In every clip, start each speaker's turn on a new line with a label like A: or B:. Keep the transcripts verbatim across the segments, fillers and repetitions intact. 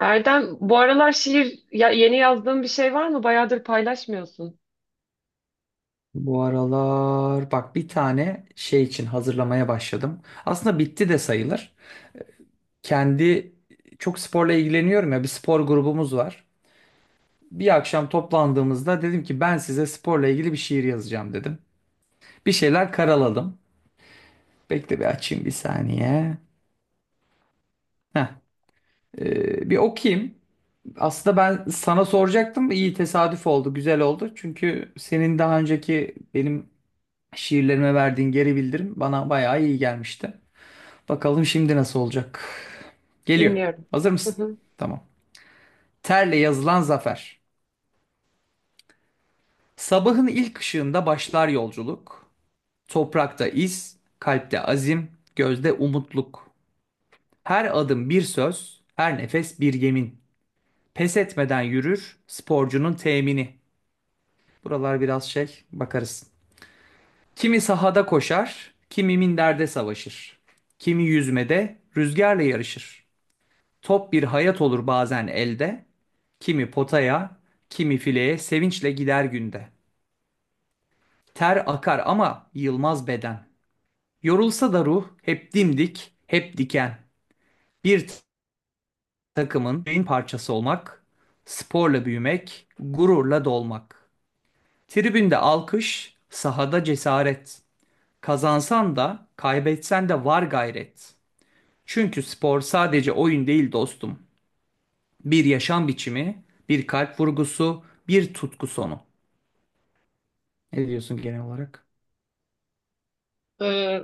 A: Erdem, bu aralar şiir ya- yeni yazdığın bir şey var mı? Bayağıdır paylaşmıyorsun.
B: Bu aralar bak bir tane şey için hazırlamaya başladım. Aslında bitti de sayılır. Kendi çok sporla ilgileniyorum ya, bir spor grubumuz var. Bir akşam toplandığımızda dedim ki ben size sporla ilgili bir şiir yazacağım dedim. Bir şeyler karaladım. Bekle bir açayım bir saniye. Heh, ee, bir okuyayım. Aslında ben sana soracaktım. İyi tesadüf oldu, güzel oldu. Çünkü senin daha önceki benim şiirlerime verdiğin geri bildirim bana bayağı iyi gelmişti. Bakalım şimdi nasıl olacak. Geliyor.
A: Dinliyorum.
B: Hazır
A: Hı
B: mısın?
A: hı.
B: Tamam. Terle yazılan zafer. Sabahın ilk ışığında başlar yolculuk. Toprakta iz, kalpte azim, gözde umutluk. Her adım bir söz, her nefes bir yemin. Pes etmeden yürür sporcunun temini. Buralar biraz şey, bakarız. Kimi sahada koşar, kimi minderde savaşır. Kimi yüzmede, rüzgarla yarışır. Top bir hayat olur bazen elde. Kimi potaya, kimi fileye sevinçle gider günde. Ter akar ama yılmaz beden. Yorulsa da ruh hep dimdik, hep diken. Bir takımın beyin parçası olmak, sporla büyümek, gururla dolmak. Tribünde alkış, sahada cesaret. Kazansan da, kaybetsen de var gayret. Çünkü spor sadece oyun değil dostum. Bir yaşam biçimi, bir kalp vurgusu, bir tutku sonu. Ne diyorsun genel olarak?
A: Ee,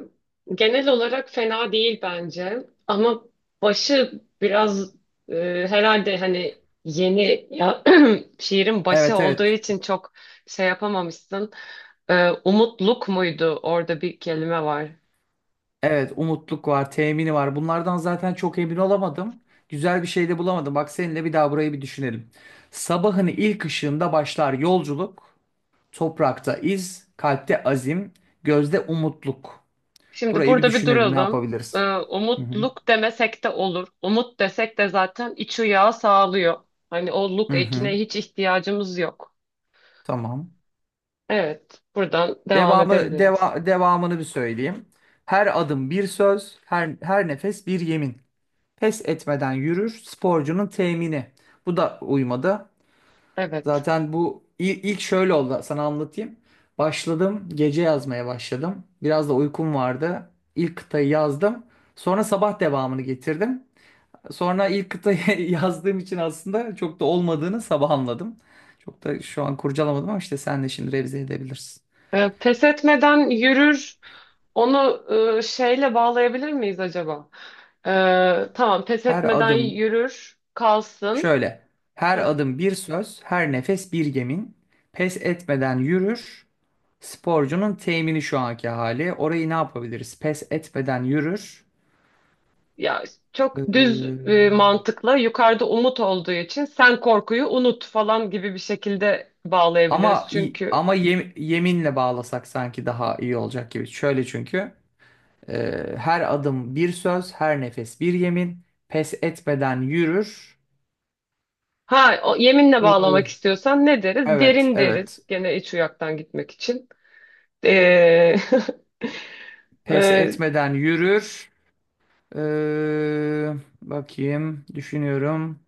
A: Genel olarak fena değil bence. Ama başı biraz e, herhalde hani yeni ya, şiirin başı
B: Evet,
A: olduğu
B: evet.
A: için çok şey yapamamışsın. Ee, umutluk muydu? Orada bir kelime var.
B: Evet, umutluk var, temini var. Bunlardan zaten çok emin olamadım. Güzel bir şey de bulamadım. Bak seninle bir daha burayı bir düşünelim. Sabahın ilk ışığında başlar yolculuk. Toprakta iz, kalpte azim, gözde umutluk.
A: Şimdi
B: Burayı bir
A: burada bir
B: düşünelim, ne
A: duralım. Ee,
B: yapabiliriz? Hı hı.
A: umutluk demesek de olur. Umut desek de zaten iç uyağı sağlıyor. Hani o luk
B: Hı
A: ekine
B: hı,
A: hiç ihtiyacımız yok.
B: tamam.
A: Evet, buradan devam
B: Devamı,
A: edebiliriz.
B: deva, devamını bir söyleyeyim. Her adım bir söz, her, her nefes bir yemin. Pes etmeden yürür, sporcunun temini. Bu da uymadı.
A: Evet.
B: Zaten bu il- ilk şöyle oldu, sana anlatayım. Başladım, gece yazmaya başladım. Biraz da uykum vardı. İlk kıtayı yazdım. Sonra sabah devamını getirdim. Sonra ilk kıtayı yazdığım için aslında çok da olmadığını sabah anladım. Çok da şu an kurcalamadım ama işte sen de şimdi revize edebilirsin.
A: Ee, pes etmeden yürür. Onu e, şeyle bağlayabilir miyiz acaba? Ee, tamam, pes
B: Her
A: etmeden
B: adım
A: yürür, kalsın.
B: şöyle. Her
A: Heh.
B: adım bir söz, her nefes bir yemin. Pes etmeden yürür. Sporcunun temini şu anki hali. Orayı ne yapabiliriz? Pes etmeden yürür.
A: Ya çok düz
B: Ee,
A: e, mantıkla yukarıda umut olduğu için sen korkuyu unut falan gibi bir şekilde bağlayabiliriz.
B: ama
A: Çünkü
B: ama yem- yeminle bağlasak sanki daha iyi olacak gibi. Şöyle, çünkü e, her adım bir söz, her nefes bir yemin. Pes etmeden yürür.
A: ha o, yeminle bağlamak
B: Ee,
A: istiyorsan ne deriz?
B: evet,
A: Derin
B: evet.
A: deriz. Gene iç uyaktan gitmek için. Ee,
B: Pes
A: e,
B: etmeden yürür. Ee, bakayım, düşünüyorum.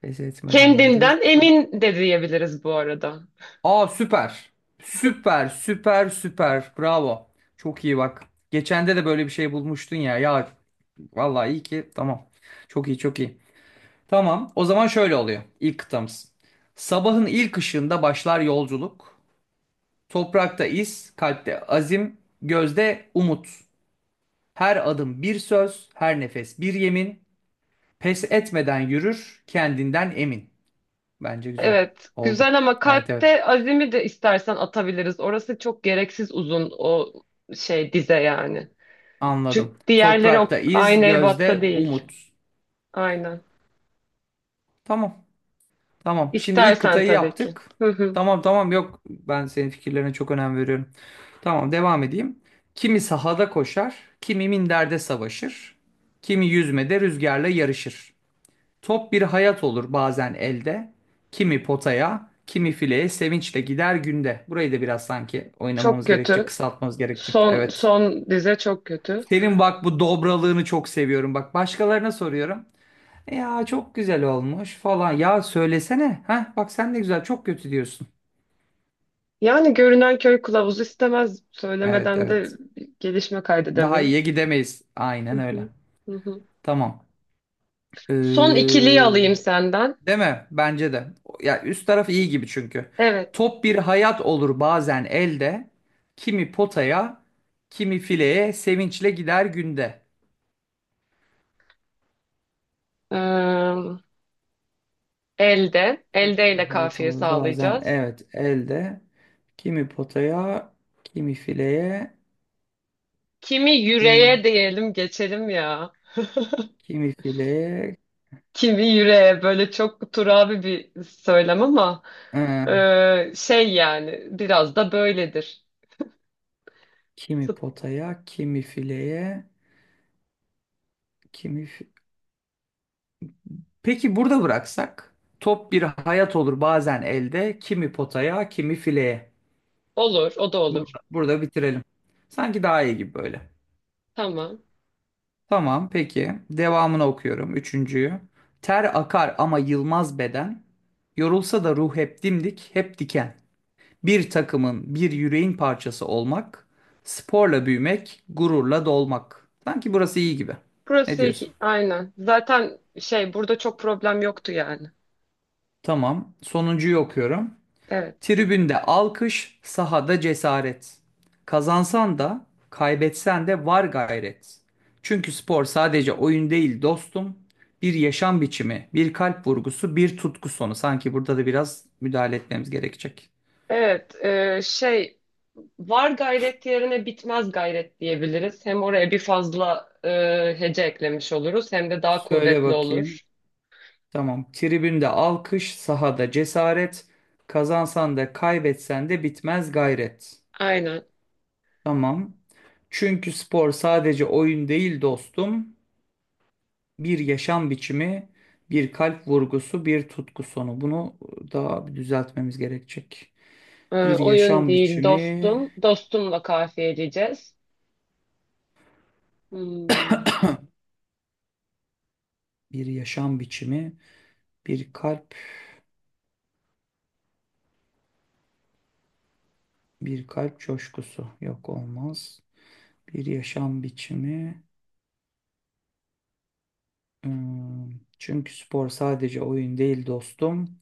B: Pes etmeden
A: Kendinden
B: yürür. Ka-
A: emin de diyebiliriz bu arada.
B: Aa, süper. Süper, süper, süper. Bravo. Çok iyi bak. Geçende de böyle bir şey bulmuştun ya. Ya, vallahi iyi ki tamam. Çok iyi, çok iyi. Tamam, o zaman şöyle oluyor ilk kıtamız. Sabahın ilk ışığında başlar yolculuk. Toprakta iz, kalpte azim, gözde umut. Her adım bir söz, her nefes bir yemin. Pes etmeden yürür, kendinden emin. Bence güzel.
A: Evet,
B: Oldu.
A: güzel ama
B: Evet, evet,
A: kalpte azimi de istersen atabiliriz. Orası çok gereksiz uzun o şey dize yani.
B: anladım.
A: Çünkü diğerleri
B: Toprakta
A: o
B: iz,
A: aynı ebatta
B: gözde
A: değil.
B: umut.
A: Aynen.
B: Tamam. Tamam. Şimdi ilk
A: İstersen
B: kıtayı
A: tabii ki.
B: yaptık. Tamam, tamam, yok. Ben senin fikirlerine çok önem veriyorum. Tamam, devam edeyim. Kimi sahada koşar, kimi minderde savaşır, kimi yüzmede rüzgarla yarışır. Top bir hayat olur bazen elde, kimi potaya, kimi fileye sevinçle gider günde. Burayı da biraz sanki
A: Çok
B: oynamamız gerekecek,
A: kötü.
B: kısaltmamız gerekecek.
A: Son
B: Evet.
A: son dize çok kötü.
B: Senin bak bu dobralığını çok seviyorum. Bak başkalarına soruyorum. Ya çok güzel olmuş falan. Ya söylesene. Ha bak sen de güzel, çok kötü diyorsun.
A: Yani görünen köy kılavuzu istemez.
B: Evet,
A: Söylemeden de
B: evet.
A: bir gelişme
B: Daha
A: kaydedemeyiz.
B: iyiye gidemeyiz.
A: Hı
B: Aynen
A: hı,
B: öyle.
A: hı hı.
B: Tamam.
A: Son
B: Ee,
A: ikiliyi alayım senden.
B: değil mi? Bence de. Ya üst taraf iyi gibi çünkü.
A: Evet.
B: Top bir hayat olur bazen elde. Kimi potaya, kimi fileye sevinçle gider günde.
A: Ee, Elde. Elde ile
B: Hayat
A: kafiye
B: olur bazen,
A: sağlayacağız.
B: evet, elde. Kimi potaya, kimi fileye,
A: Kimi
B: hmm,
A: yüreğe diyelim geçelim ya.
B: kimi fileye.
A: Kimi yüreğe böyle çok turabi bir söylem ama ee, şey yani biraz da böyledir.
B: Kimi
A: Fut-
B: potaya, kimi fileye, kimi... fi- Peki burada bıraksak, top bir hayat olur bazen elde, kimi potaya, kimi fileye.
A: Olur, o da olur.
B: Burada, burada bitirelim. Sanki daha iyi gibi böyle.
A: Tamam.
B: Tamam, peki. Devamını okuyorum. Üçüncüyü. Ter akar ama yılmaz beden. Yorulsa da ruh hep dimdik, hep diken. Bir takımın, bir yüreğin parçası olmak. Sporla büyümek, gururla dolmak. Sanki burası iyi gibi. Ne
A: Burası
B: diyorsun?
A: iki, aynen. Zaten şey burada çok problem yoktu yani.
B: Tamam. Sonuncuyu okuyorum.
A: Evet.
B: Tribünde alkış, sahada cesaret. Kazansan da, kaybetsen de var gayret. Çünkü spor sadece oyun değil dostum. Bir yaşam biçimi, bir kalp vurgusu, bir tutku sonu. Sanki burada da biraz müdahale etmemiz gerekecek.
A: Evet, e, şey var gayret yerine bitmez gayret diyebiliriz. Hem oraya bir fazla e, hece eklemiş oluruz hem de daha
B: Söyle
A: kuvvetli
B: bakayım.
A: olur.
B: Tamam. Tribünde alkış, sahada cesaret. Kazansan da kaybetsen de bitmez gayret.
A: Aynen.
B: Tamam. Çünkü spor sadece oyun değil dostum. Bir yaşam biçimi, bir kalp vurgusu, bir tutku sonu. Bunu daha bir düzeltmemiz gerekecek.
A: E,
B: Bir
A: oyun
B: yaşam
A: değil
B: biçimi,
A: dostum. Dostumla kafiyeleyeceğiz. Hmm.
B: bir yaşam biçimi, bir kalp, bir kalp coşkusu. Yok, olmaz. Bir yaşam biçimi. Hmm. Çünkü spor sadece oyun değil dostum.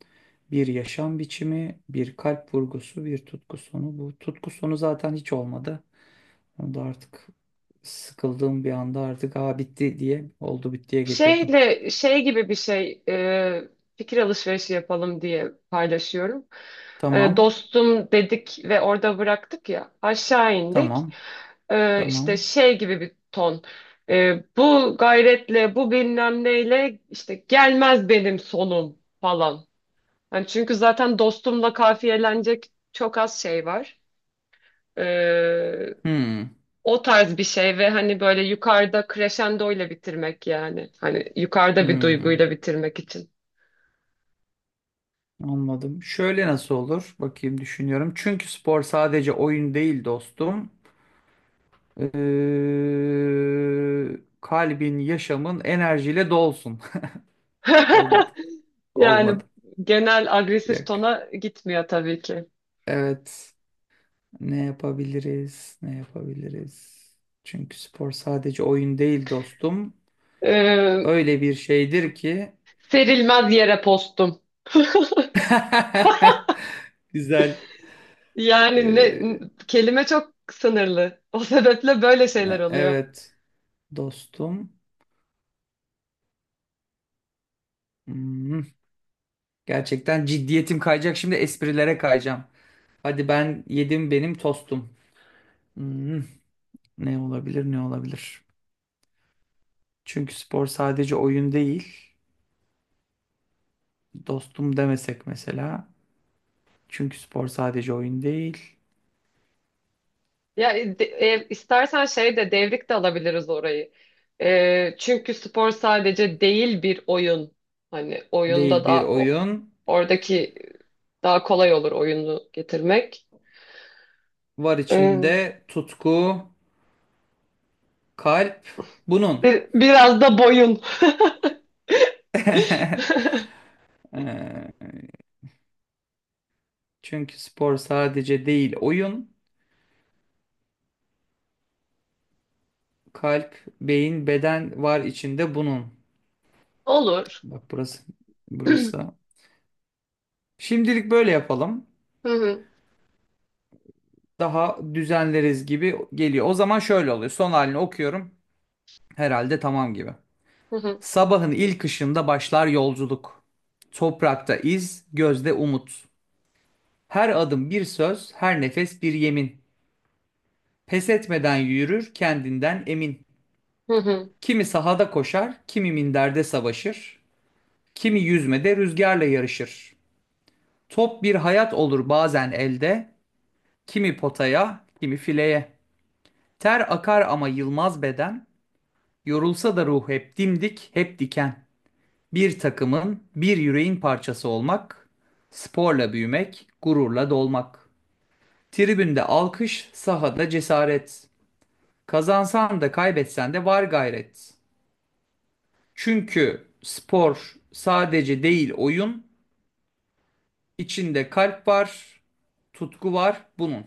B: Bir yaşam biçimi, bir kalp vurgusu, bir tutku sonu. Bu tutku sonu zaten hiç olmadı. Onu da artık sıkıldığım bir anda artık aa bitti diye oldu bittiye getirdim.
A: Şeyle şey gibi bir şey e, fikir alışverişi yapalım diye paylaşıyorum. E,
B: Tamam.
A: dostum dedik ve orada bıraktık ya aşağı indik.
B: Tamam.
A: E, işte
B: Tamam.
A: şey gibi bir ton. E, bu gayretle bu bilmem neyle işte gelmez benim sonum falan. Yani çünkü zaten dostumla kafiyelenecek çok az şey var.
B: Hmm.
A: O tarz bir şey ve hani böyle yukarıda crescendo ile bitirmek yani. Hani yukarıda bir
B: Hmm.
A: duyguyla bitirmek için.
B: Anladım. Şöyle nasıl olur? Bakayım, düşünüyorum. Çünkü spor sadece oyun değil dostum. Ee, kalbin, yaşamın enerjiyle dolsun. Olmadı.
A: Yani
B: Olmadı.
A: genel agresif
B: Yok.
A: tona gitmiyor tabii ki.
B: Evet. Ne yapabiliriz? Ne yapabiliriz? Çünkü spor sadece oyun değil dostum.
A: Ee,
B: Öyle bir şeydir ki
A: Serilmez yere postum.
B: güzel.
A: Yani ne
B: Ee,
A: kelime çok sınırlı. O sebeple böyle şeyler oluyor.
B: evet, dostum. Hmm. Gerçekten ciddiyetim kayacak. Şimdi esprilere kayacağım. Hadi ben yedim benim tostum. Hmm. Ne olabilir, ne olabilir? Çünkü spor sadece oyun değil. Dostum demesek mesela. Çünkü spor sadece oyun değil.
A: Ya e, de- e, istersen şey de devrik de alabiliriz orayı. E, çünkü spor sadece değil bir oyun. Hani oyunda
B: Değil bir
A: da o-
B: oyun.
A: oradaki daha kolay olur oyunu getirmek.
B: Var
A: E,
B: içinde tutku, kalp, bunun.
A: bir- biraz da boyun.
B: Ee, çünkü spor sadece değil oyun, kalp, beyin, beden var içinde bunun.
A: Olur.
B: Bak burası,
A: Hı
B: burası. Şimdilik böyle yapalım.
A: hı,
B: Daha düzenleriz gibi geliyor. O zaman şöyle oluyor. Son halini okuyorum. Herhalde tamam gibi.
A: hı hı,
B: Sabahın ilk ışığında başlar yolculuk. Toprakta iz, gözde umut. Her adım bir söz, her nefes bir yemin. Pes etmeden yürür, kendinden emin.
A: hı hı.
B: Kimi sahada koşar, kimi minderde savaşır. Kimi yüzmede rüzgarla yarışır. Top bir hayat olur bazen elde, kimi potaya, kimi fileye. Ter akar ama yılmaz beden, yorulsa da ruh hep dimdik, hep diken. Bir takımın, bir yüreğin parçası olmak, sporla büyümek, gururla dolmak. Tribünde alkış, sahada cesaret. Kazansan da kaybetsen de var gayret. Çünkü spor sadece değil oyun, İçinde kalp var, tutku var bunun.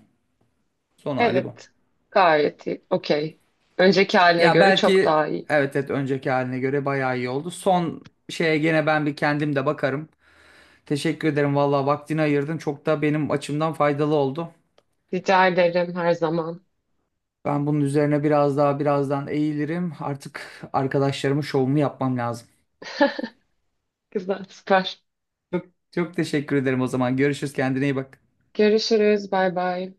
B: Son hali bu.
A: Evet. Gayet iyi. Okey. Önceki haline
B: Ya
A: göre çok
B: belki,
A: daha iyi.
B: evet, evet, önceki haline göre bayağı iyi oldu. Son şeye gene ben bir kendim de bakarım. Teşekkür ederim vallahi, vaktini ayırdın. Çok da benim açımdan faydalı oldu.
A: Rica ederim her zaman.
B: Ben bunun üzerine biraz daha birazdan eğilirim. Artık arkadaşlarımın şovunu yapmam lazım.
A: Güzel, süper.
B: Çok, çok teşekkür ederim o zaman. Görüşürüz. Kendine iyi bak.
A: Görüşürüz. Bay bay.